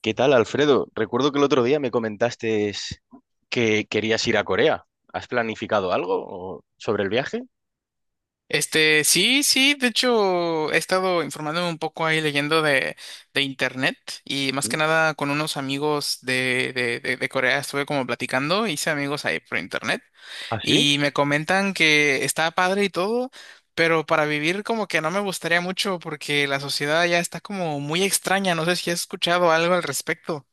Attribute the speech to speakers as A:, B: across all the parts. A: ¿Qué tal, Alfredo? Recuerdo que el otro día me comentaste que querías ir a Corea. ¿Has planificado algo sobre el viaje?
B: Sí, sí, de hecho he estado informándome un poco ahí leyendo de internet y más
A: ¿Mm?
B: que nada con unos amigos de Corea estuve como platicando, hice amigos ahí por internet
A: ¿Ah, sí?
B: y me comentan que está padre y todo, pero para vivir como que no me gustaría mucho porque la sociedad ya está como muy extraña, no sé si has escuchado algo al respecto.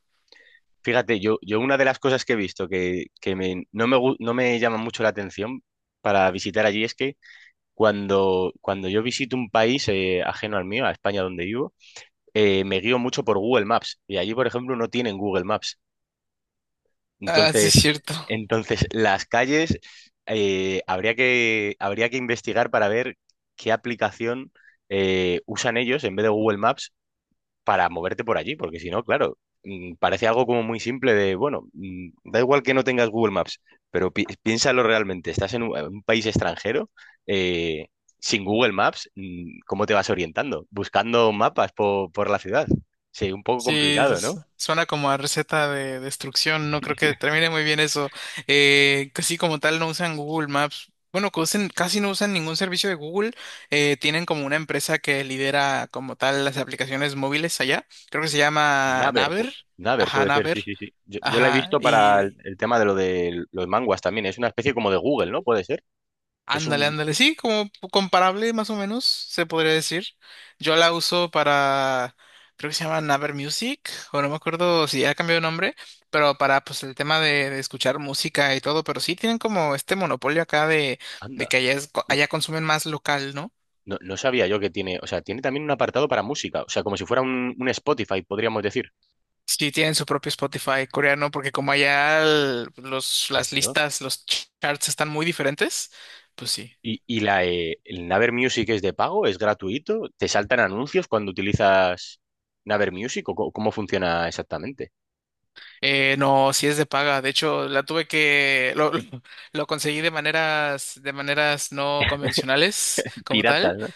A: Fíjate, yo una de las cosas que he visto que no me llama mucho la atención para visitar allí es que cuando yo visito un país ajeno al mío, a España donde vivo, me guío mucho por Google Maps. Y allí, por ejemplo, no tienen Google Maps.
B: Ah, sí,
A: Entonces,
B: es cierto.
A: entonces, las calles habría que investigar para ver qué aplicación usan ellos en vez de Google Maps para moverte por allí, porque si no, claro, parece algo como muy simple de, bueno, da igual que no tengas Google Maps, pero piénsalo realmente, estás en un, país extranjero, eh, sin Google Maps, ¿cómo te vas orientando? Buscando mapas por la ciudad. Sí, un poco
B: Sí,
A: complicado, ¿no?
B: suena como a receta de destrucción, no creo que termine muy bien eso. Casi como tal no usan Google Maps. Bueno, casi no usan ningún servicio de Google. Tienen como una empresa que lidera como tal las aplicaciones móviles allá. Creo que se llama
A: Naver, pu-
B: Naver.
A: Naver
B: Ajá,
A: puede ser,
B: Naver.
A: sí, sí, sí. Yo la he
B: Ajá,
A: visto para el,
B: y...
A: el tema de lo de los manguas también. Es una especie como de Google, ¿no? Puede ser. Es
B: Ándale,
A: un.
B: ándale, sí, como comparable más o menos, se podría decir. Yo la uso creo que se llama Naver Music, o no me acuerdo si ya cambió de nombre, pero para pues el tema de escuchar música y todo, pero sí tienen como este monopolio acá de
A: Anda.
B: que allá,
A: No,
B: allá consumen más local, ¿no?
A: no, no sabía yo que tiene. O sea, tiene también un apartado para música. O sea, como si fuera un Spotify, podríamos decir.
B: Sí tienen su propio Spotify coreano, porque como allá las
A: ¿No?
B: listas, los charts están muy diferentes, pues sí.
A: Y el Naver Music es de pago, es gratuito. ¿Te saltan anuncios cuando utilizas Naver Music? ¿O cómo funciona exactamente?
B: No, sí es de paga. De hecho, la tuve que lo conseguí de maneras no convencionales como tal.
A: Piratas, ¿no?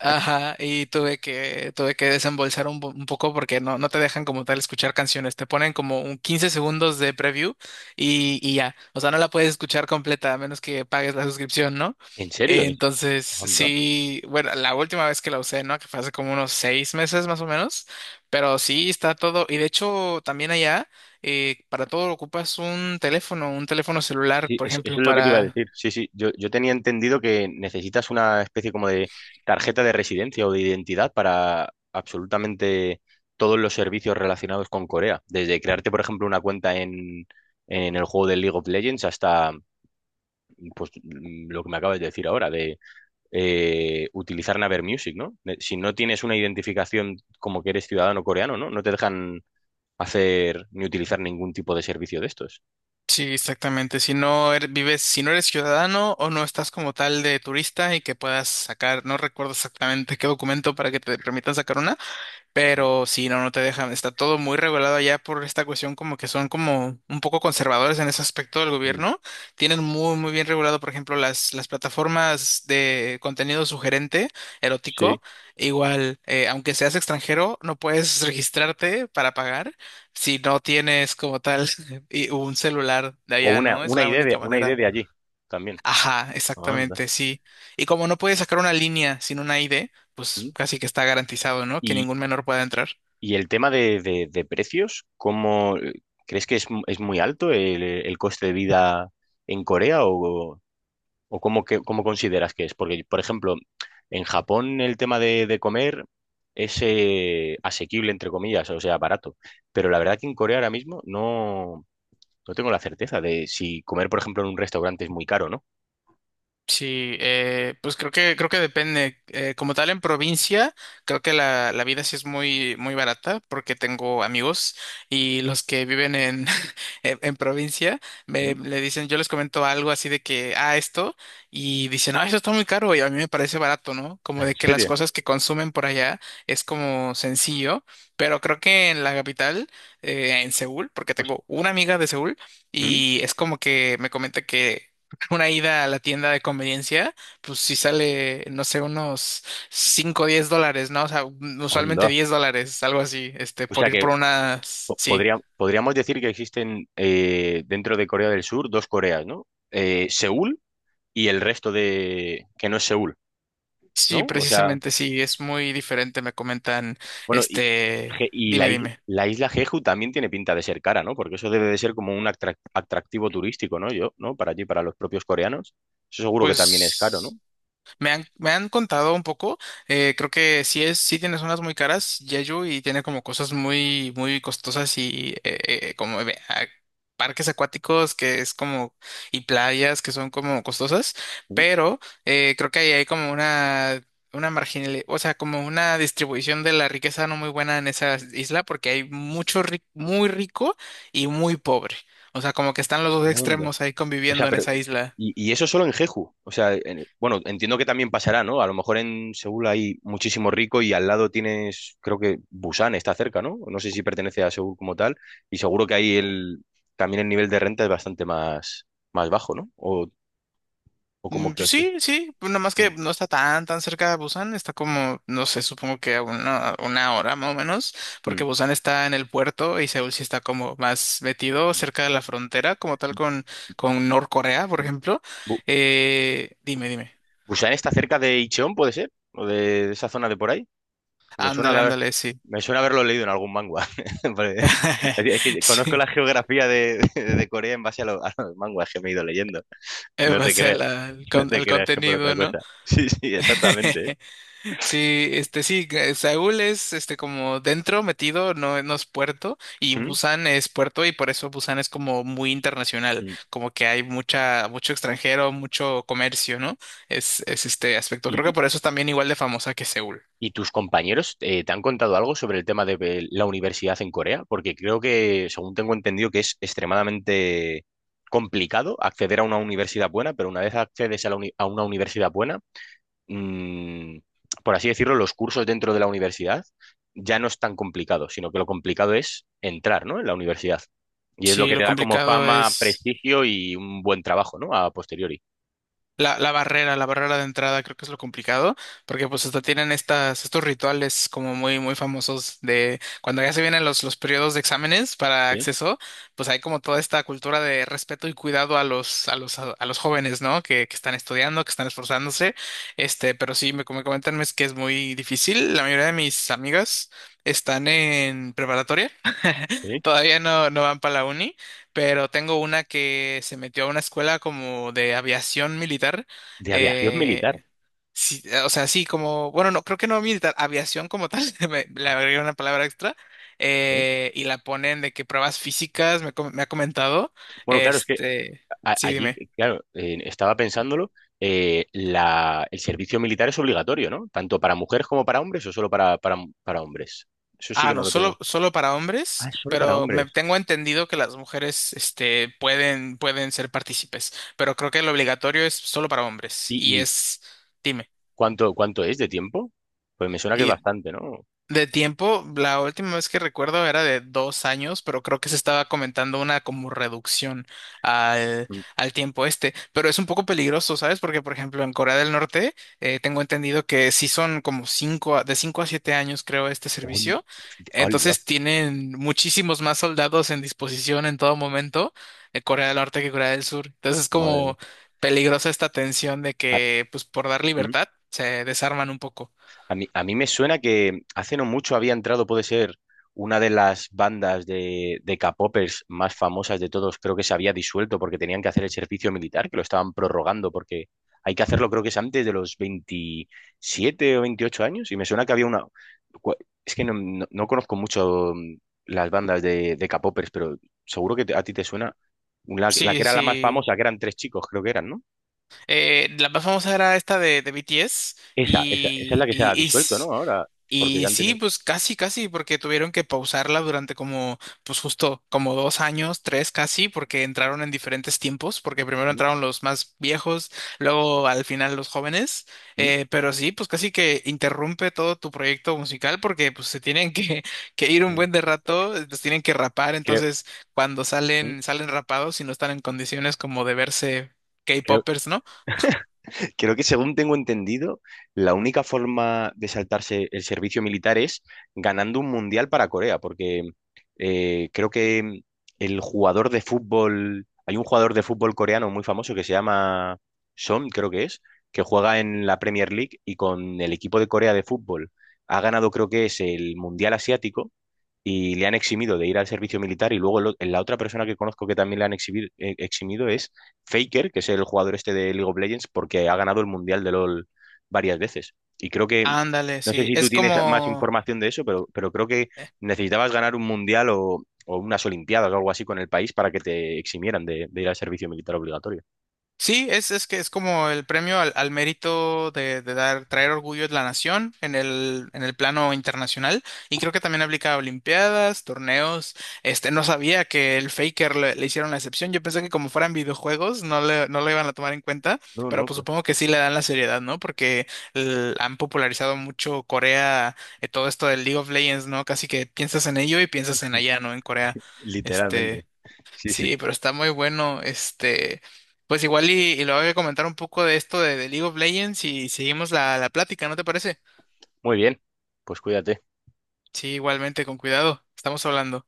B: Ajá, y tuve que desembolsar un poco porque no te dejan como tal escuchar canciones, te ponen como un 15 segundos de preview y ya, o sea, no la puedes escuchar completa a menos que pagues la suscripción, ¿no?
A: ¿En serio? Ni-
B: Entonces,
A: Anda.
B: sí, bueno, la última vez que la usé, ¿no? Que fue hace como unos 6 meses más o menos, pero sí está todo, y de hecho también allá, para todo ocupas un teléfono celular,
A: Sí,
B: por
A: eso
B: ejemplo,
A: es lo que te iba a
B: para.
A: decir. Sí, sí, yo tenía entendido que necesitas una especie como de tarjeta de residencia o de identidad para absolutamente todos los servicios relacionados con Corea. Desde crearte, por ejemplo, una cuenta en, el juego de League of Legends hasta pues, lo que me acabas de decir ahora, de utilizar Naver Music, ¿no? Si no tienes una identificación como que eres ciudadano coreano, ¿no? No te dejan hacer ni utilizar ningún tipo de servicio de estos.
B: Sí, exactamente. Si no eres ciudadano o no estás como tal de turista y que puedas sacar, no recuerdo exactamente qué documento para que te permitan sacar una. Pero sí, no te dejan. Está todo muy regulado allá por esta cuestión, como que son como un poco conservadores en ese aspecto del
A: Mm.
B: gobierno. Tienen muy, muy bien regulado, por ejemplo, las plataformas de contenido sugerente,
A: Sí.
B: erótico. Igual, aunque seas extranjero, no puedes registrarte para pagar si no tienes como tal y un celular de
A: O
B: allá,
A: una,
B: ¿no? Es
A: una
B: la
A: idea de,
B: única
A: una idea
B: manera.
A: de allí también.
B: Ajá,
A: Anda.
B: exactamente, sí. Y como no puedes sacar una línea sin una ID,
A: ¿Mm?
B: pues casi que está garantizado, ¿no? Que
A: Y,
B: ningún menor pueda entrar.
A: y el tema de precios, ¿cómo crees que es, es muy alto el coste de vida en Corea o cómo, cómo consideras que es? Porque, por ejemplo, en Japón el tema de comer es asequible, entre comillas, o sea, barato. Pero la verdad que en Corea ahora mismo no tengo la certeza de si comer, por ejemplo, en un restaurante es muy caro, ¿no?
B: Sí, pues creo que depende. Como tal en provincia, creo que la vida sí es muy muy barata porque tengo amigos y los que viven en en provincia me
A: ¿Mm?
B: le dicen, yo les comento algo así de que ah esto y dicen, ah, eso está muy caro y a mí me parece barato, ¿no? Como
A: ¿En
B: de que las
A: serio?
B: cosas que consumen por allá es como sencillo, pero creo que en la capital, en Seúl, porque
A: Hos-
B: tengo una amiga de Seúl
A: ¿Mm?
B: y es como que me comenta que una ida a la tienda de conveniencia, pues si sale, no sé, unos cinco o 10 dólares, ¿no? O sea, usualmente
A: Onda.
B: $10, algo así,
A: O
B: por
A: sea
B: ir
A: que
B: por unas, sí,
A: Podríamos decir que existen dentro de Corea del Sur dos Coreas, ¿no? Seúl y el resto de que no es Seúl,
B: sí,
A: ¿no? O sea,
B: precisamente, sí, es muy diferente, me comentan,
A: bueno, y,
B: este,
A: Y
B: dime, dime.
A: la isla Jeju también tiene pinta de ser cara, ¿no? Porque eso debe de ser como un atractivo turístico, ¿no? Yo, ¿no? Para allí, para los propios coreanos. Eso seguro que también es
B: Pues...
A: caro, ¿no?
B: Me han contado un poco, creo que sí es, sí tiene zonas muy caras, Jeju, y tiene como cosas muy, muy costosas y eh, como ve- a- parques acuáticos que es como, y playas que son como costosas, pero creo que ahí hay como una marginal, o sea, como una distribución de la riqueza no muy buena en esa isla, porque hay muy rico y muy pobre. O sea, como que están los dos
A: Mm,
B: extremos ahí
A: O sea,
B: conviviendo en
A: pero.
B: esa isla.
A: Y eso solo en Jeju. O sea, bueno, entiendo que también pasará, ¿no? A lo mejor en Seúl hay muchísimo rico y al lado tienes, creo que Busan está cerca, ¿no? No sé si pertenece a Seúl como tal. Y seguro que ahí también el nivel de renta es bastante más bajo, ¿no? ¿O cómo
B: Pues
A: crees que es?
B: sí, sí, pues nada más
A: Mm,
B: que no está tan, tan cerca de Busan, está como, no sé, supongo que a una hora más o menos,
A: mm,
B: porque Busan está en el puerto y Seúl sí está como más metido
A: mm.
B: cerca de la frontera, como tal con Norcorea, por
A: Mm.
B: ejemplo.
A: Bu-
B: Dime, dime.
A: ¿Busan está cerca de Incheon, puede ser? ¿O de esa zona de por ahí? Que me suena
B: Ándale,
A: la.
B: ándale, sí.
A: Me suena haberlo leído en algún manga. Porque es que conozco
B: Sí,
A: la geografía de Corea en base a los mangas que me he ido leyendo.
B: en
A: No te
B: base a
A: creas,
B: la- al,
A: no
B: con-
A: te
B: al
A: creas que por otra
B: contenido, ¿no?
A: cosa. Sí, sí, exactamente. ¿Eh?
B: Sí, sí, que Seúl es como dentro metido, no, no es puerto, y Busan es puerto, y por eso Busan es como muy internacional,
A: Mm. Mm.
B: como que hay mucha, mucho extranjero, mucho comercio, ¿no? Es este aspecto.
A: ¿Y,
B: Creo que
A: y-
B: por eso es también igual de famosa que Seúl.
A: y tus compañeros te han contado algo sobre el tema de la universidad en Corea? Porque creo que, según tengo entendido, que es extremadamente complicado acceder a una universidad buena, pero una vez accedes a una universidad buena, mm, por así decirlo, los cursos dentro de la universidad ya no es tan complicado, sino que lo complicado es entrar, ¿no? En la universidad. Y es lo
B: Sí,
A: que
B: lo
A: te da como
B: complicado
A: fama,
B: es.
A: prestigio y un buen trabajo, ¿no? A posteriori.
B: La barrera de entrada creo que es lo complicado, porque pues hasta tienen estos rituales como muy, muy famosos de cuando ya se vienen los periodos de exámenes para
A: Sí,
B: acceso, pues hay como toda esta cultura de respeto y cuidado a los jóvenes, ¿no? Que están estudiando, que están esforzándose, pero sí, como comentan, es que es muy difícil. La mayoría de mis amigas están en preparatoria,
A: sí.
B: todavía no van para la uni, pero tengo una que se metió a una escuela como de aviación militar.
A: De aviación
B: eh,
A: militar.
B: sí, o sea, sí, como, bueno, no, creo que no militar, aviación como tal, le agregué una palabra extra.
A: ¿Eh?
B: Y la ponen de que pruebas físicas, me ha comentado.
A: Bueno, claro, es que
B: Este, sí,
A: allí,
B: dime.
A: claro, estaba pensándolo, el servicio militar es obligatorio, ¿no? Tanto para mujeres como para hombres o solo para hombres. Eso sí
B: Ah,
A: que no
B: no,
A: lo tengo.
B: solo para
A: Ah,
B: hombres,
A: es solo para
B: pero me
A: hombres.
B: tengo entendido que las mujeres, pueden ser partícipes, pero creo que lo obligatorio es solo para hombres. Y
A: ¿Y,
B: es, dime.
A: ¿cuánto es de tiempo? Pues me suena que es bastante, ¿no?
B: De tiempo, la última vez que recuerdo era de 2 años, pero creo que se estaba comentando una como reducción al,
A: Mm,
B: al tiempo este. Pero es un poco peligroso, ¿sabes? Porque, por ejemplo, en Corea del Norte tengo entendido que sí son como de 5 a 7 años, creo, este
A: hol-
B: servicio.
A: ¡Hala!
B: Entonces tienen muchísimos más soldados en disposición en todo momento en Corea del Norte que Corea del Sur. Entonces es
A: Madre mía.
B: como peligrosa esta tensión de que, pues, por dar
A: Ah,
B: libertad, se desarman un poco.
A: a mí me suena que hace no mucho había entrado, puede ser, una de las bandas de K-popers más famosas de todos. Creo que se había disuelto porque tenían que hacer el servicio militar, que lo estaban prorrogando porque hay que hacerlo, creo que es antes de los 27 o 28 años. Y me suena que había una. Cua- Es que no- conozco mucho las bandas de K-popers, pero seguro que a ti te suena la que
B: Sí,
A: era la más
B: sí.
A: famosa, que eran tres chicos, creo que eran, ¿no?
B: La más famosa era esta de BTS
A: Esa es la
B: y,
A: que se ha
B: y, y,
A: disuelto,
B: s-
A: ¿no? Ahora, porque
B: y
A: ya han
B: sí,
A: tenido.
B: pues casi, casi, porque tuvieron que pausarla durante como, pues justo como 2 años, tres casi, porque entraron en diferentes tiempos, porque primero entraron los más viejos, luego al final los jóvenes,
A: ¿Mm?
B: pero sí, pues casi que interrumpe todo tu proyecto musical porque pues se tienen que, que ir un
A: ¿Mm?
B: buen de rato, los tienen que rapar,
A: Creo.
B: entonces cuando
A: ¿Mm?
B: salen, salen rapados y no están en condiciones como de verse
A: creo,
B: K-popers, ¿no?
A: creo que según tengo entendido, la única forma de saltarse el servicio militar es ganando un mundial para Corea, porque creo que el jugador de fútbol, hay un jugador de fútbol coreano muy famoso que se llama Son, creo que es, que juega en la Premier League y con el equipo de Corea de fútbol ha ganado, creo que es el mundial asiático y le han eximido de ir al servicio militar y luego la otra persona que conozco que también le han eximido es Faker, que es el jugador este de League of Legends porque ha ganado el Mundial de LoL varias veces. Y creo que,
B: Ándale,
A: no sé
B: sí,
A: si tú
B: es
A: tienes más
B: como,
A: información de eso, pero, creo que necesitabas ganar un Mundial o unas Olimpiadas o algo así con el país para que te eximieran de ir al servicio militar obligatorio.
B: sí, es que es como el premio al mérito de dar, traer orgullo de la nación en el plano internacional, y creo que también aplica a olimpiadas, torneos, no sabía que el Faker le hicieron la excepción, yo pensé que como fueran videojuegos no lo iban a tomar en cuenta,
A: No,
B: pero
A: no,
B: pues
A: pues
B: supongo que sí le dan la seriedad, ¿no? Porque han popularizado mucho Corea, todo esto del League of Legends, ¿no? Casi que piensas en ello y piensas en allá, ¿no? En Corea,
A: literalmente.
B: este...
A: Sí, sí.
B: Sí, pero está muy bueno. Pues igual y lo voy a comentar un poco de esto de League of Legends y seguimos la plática, ¿no te parece?
A: Muy bien, pues cuídate.
B: Sí, igualmente, con cuidado. Estamos hablando.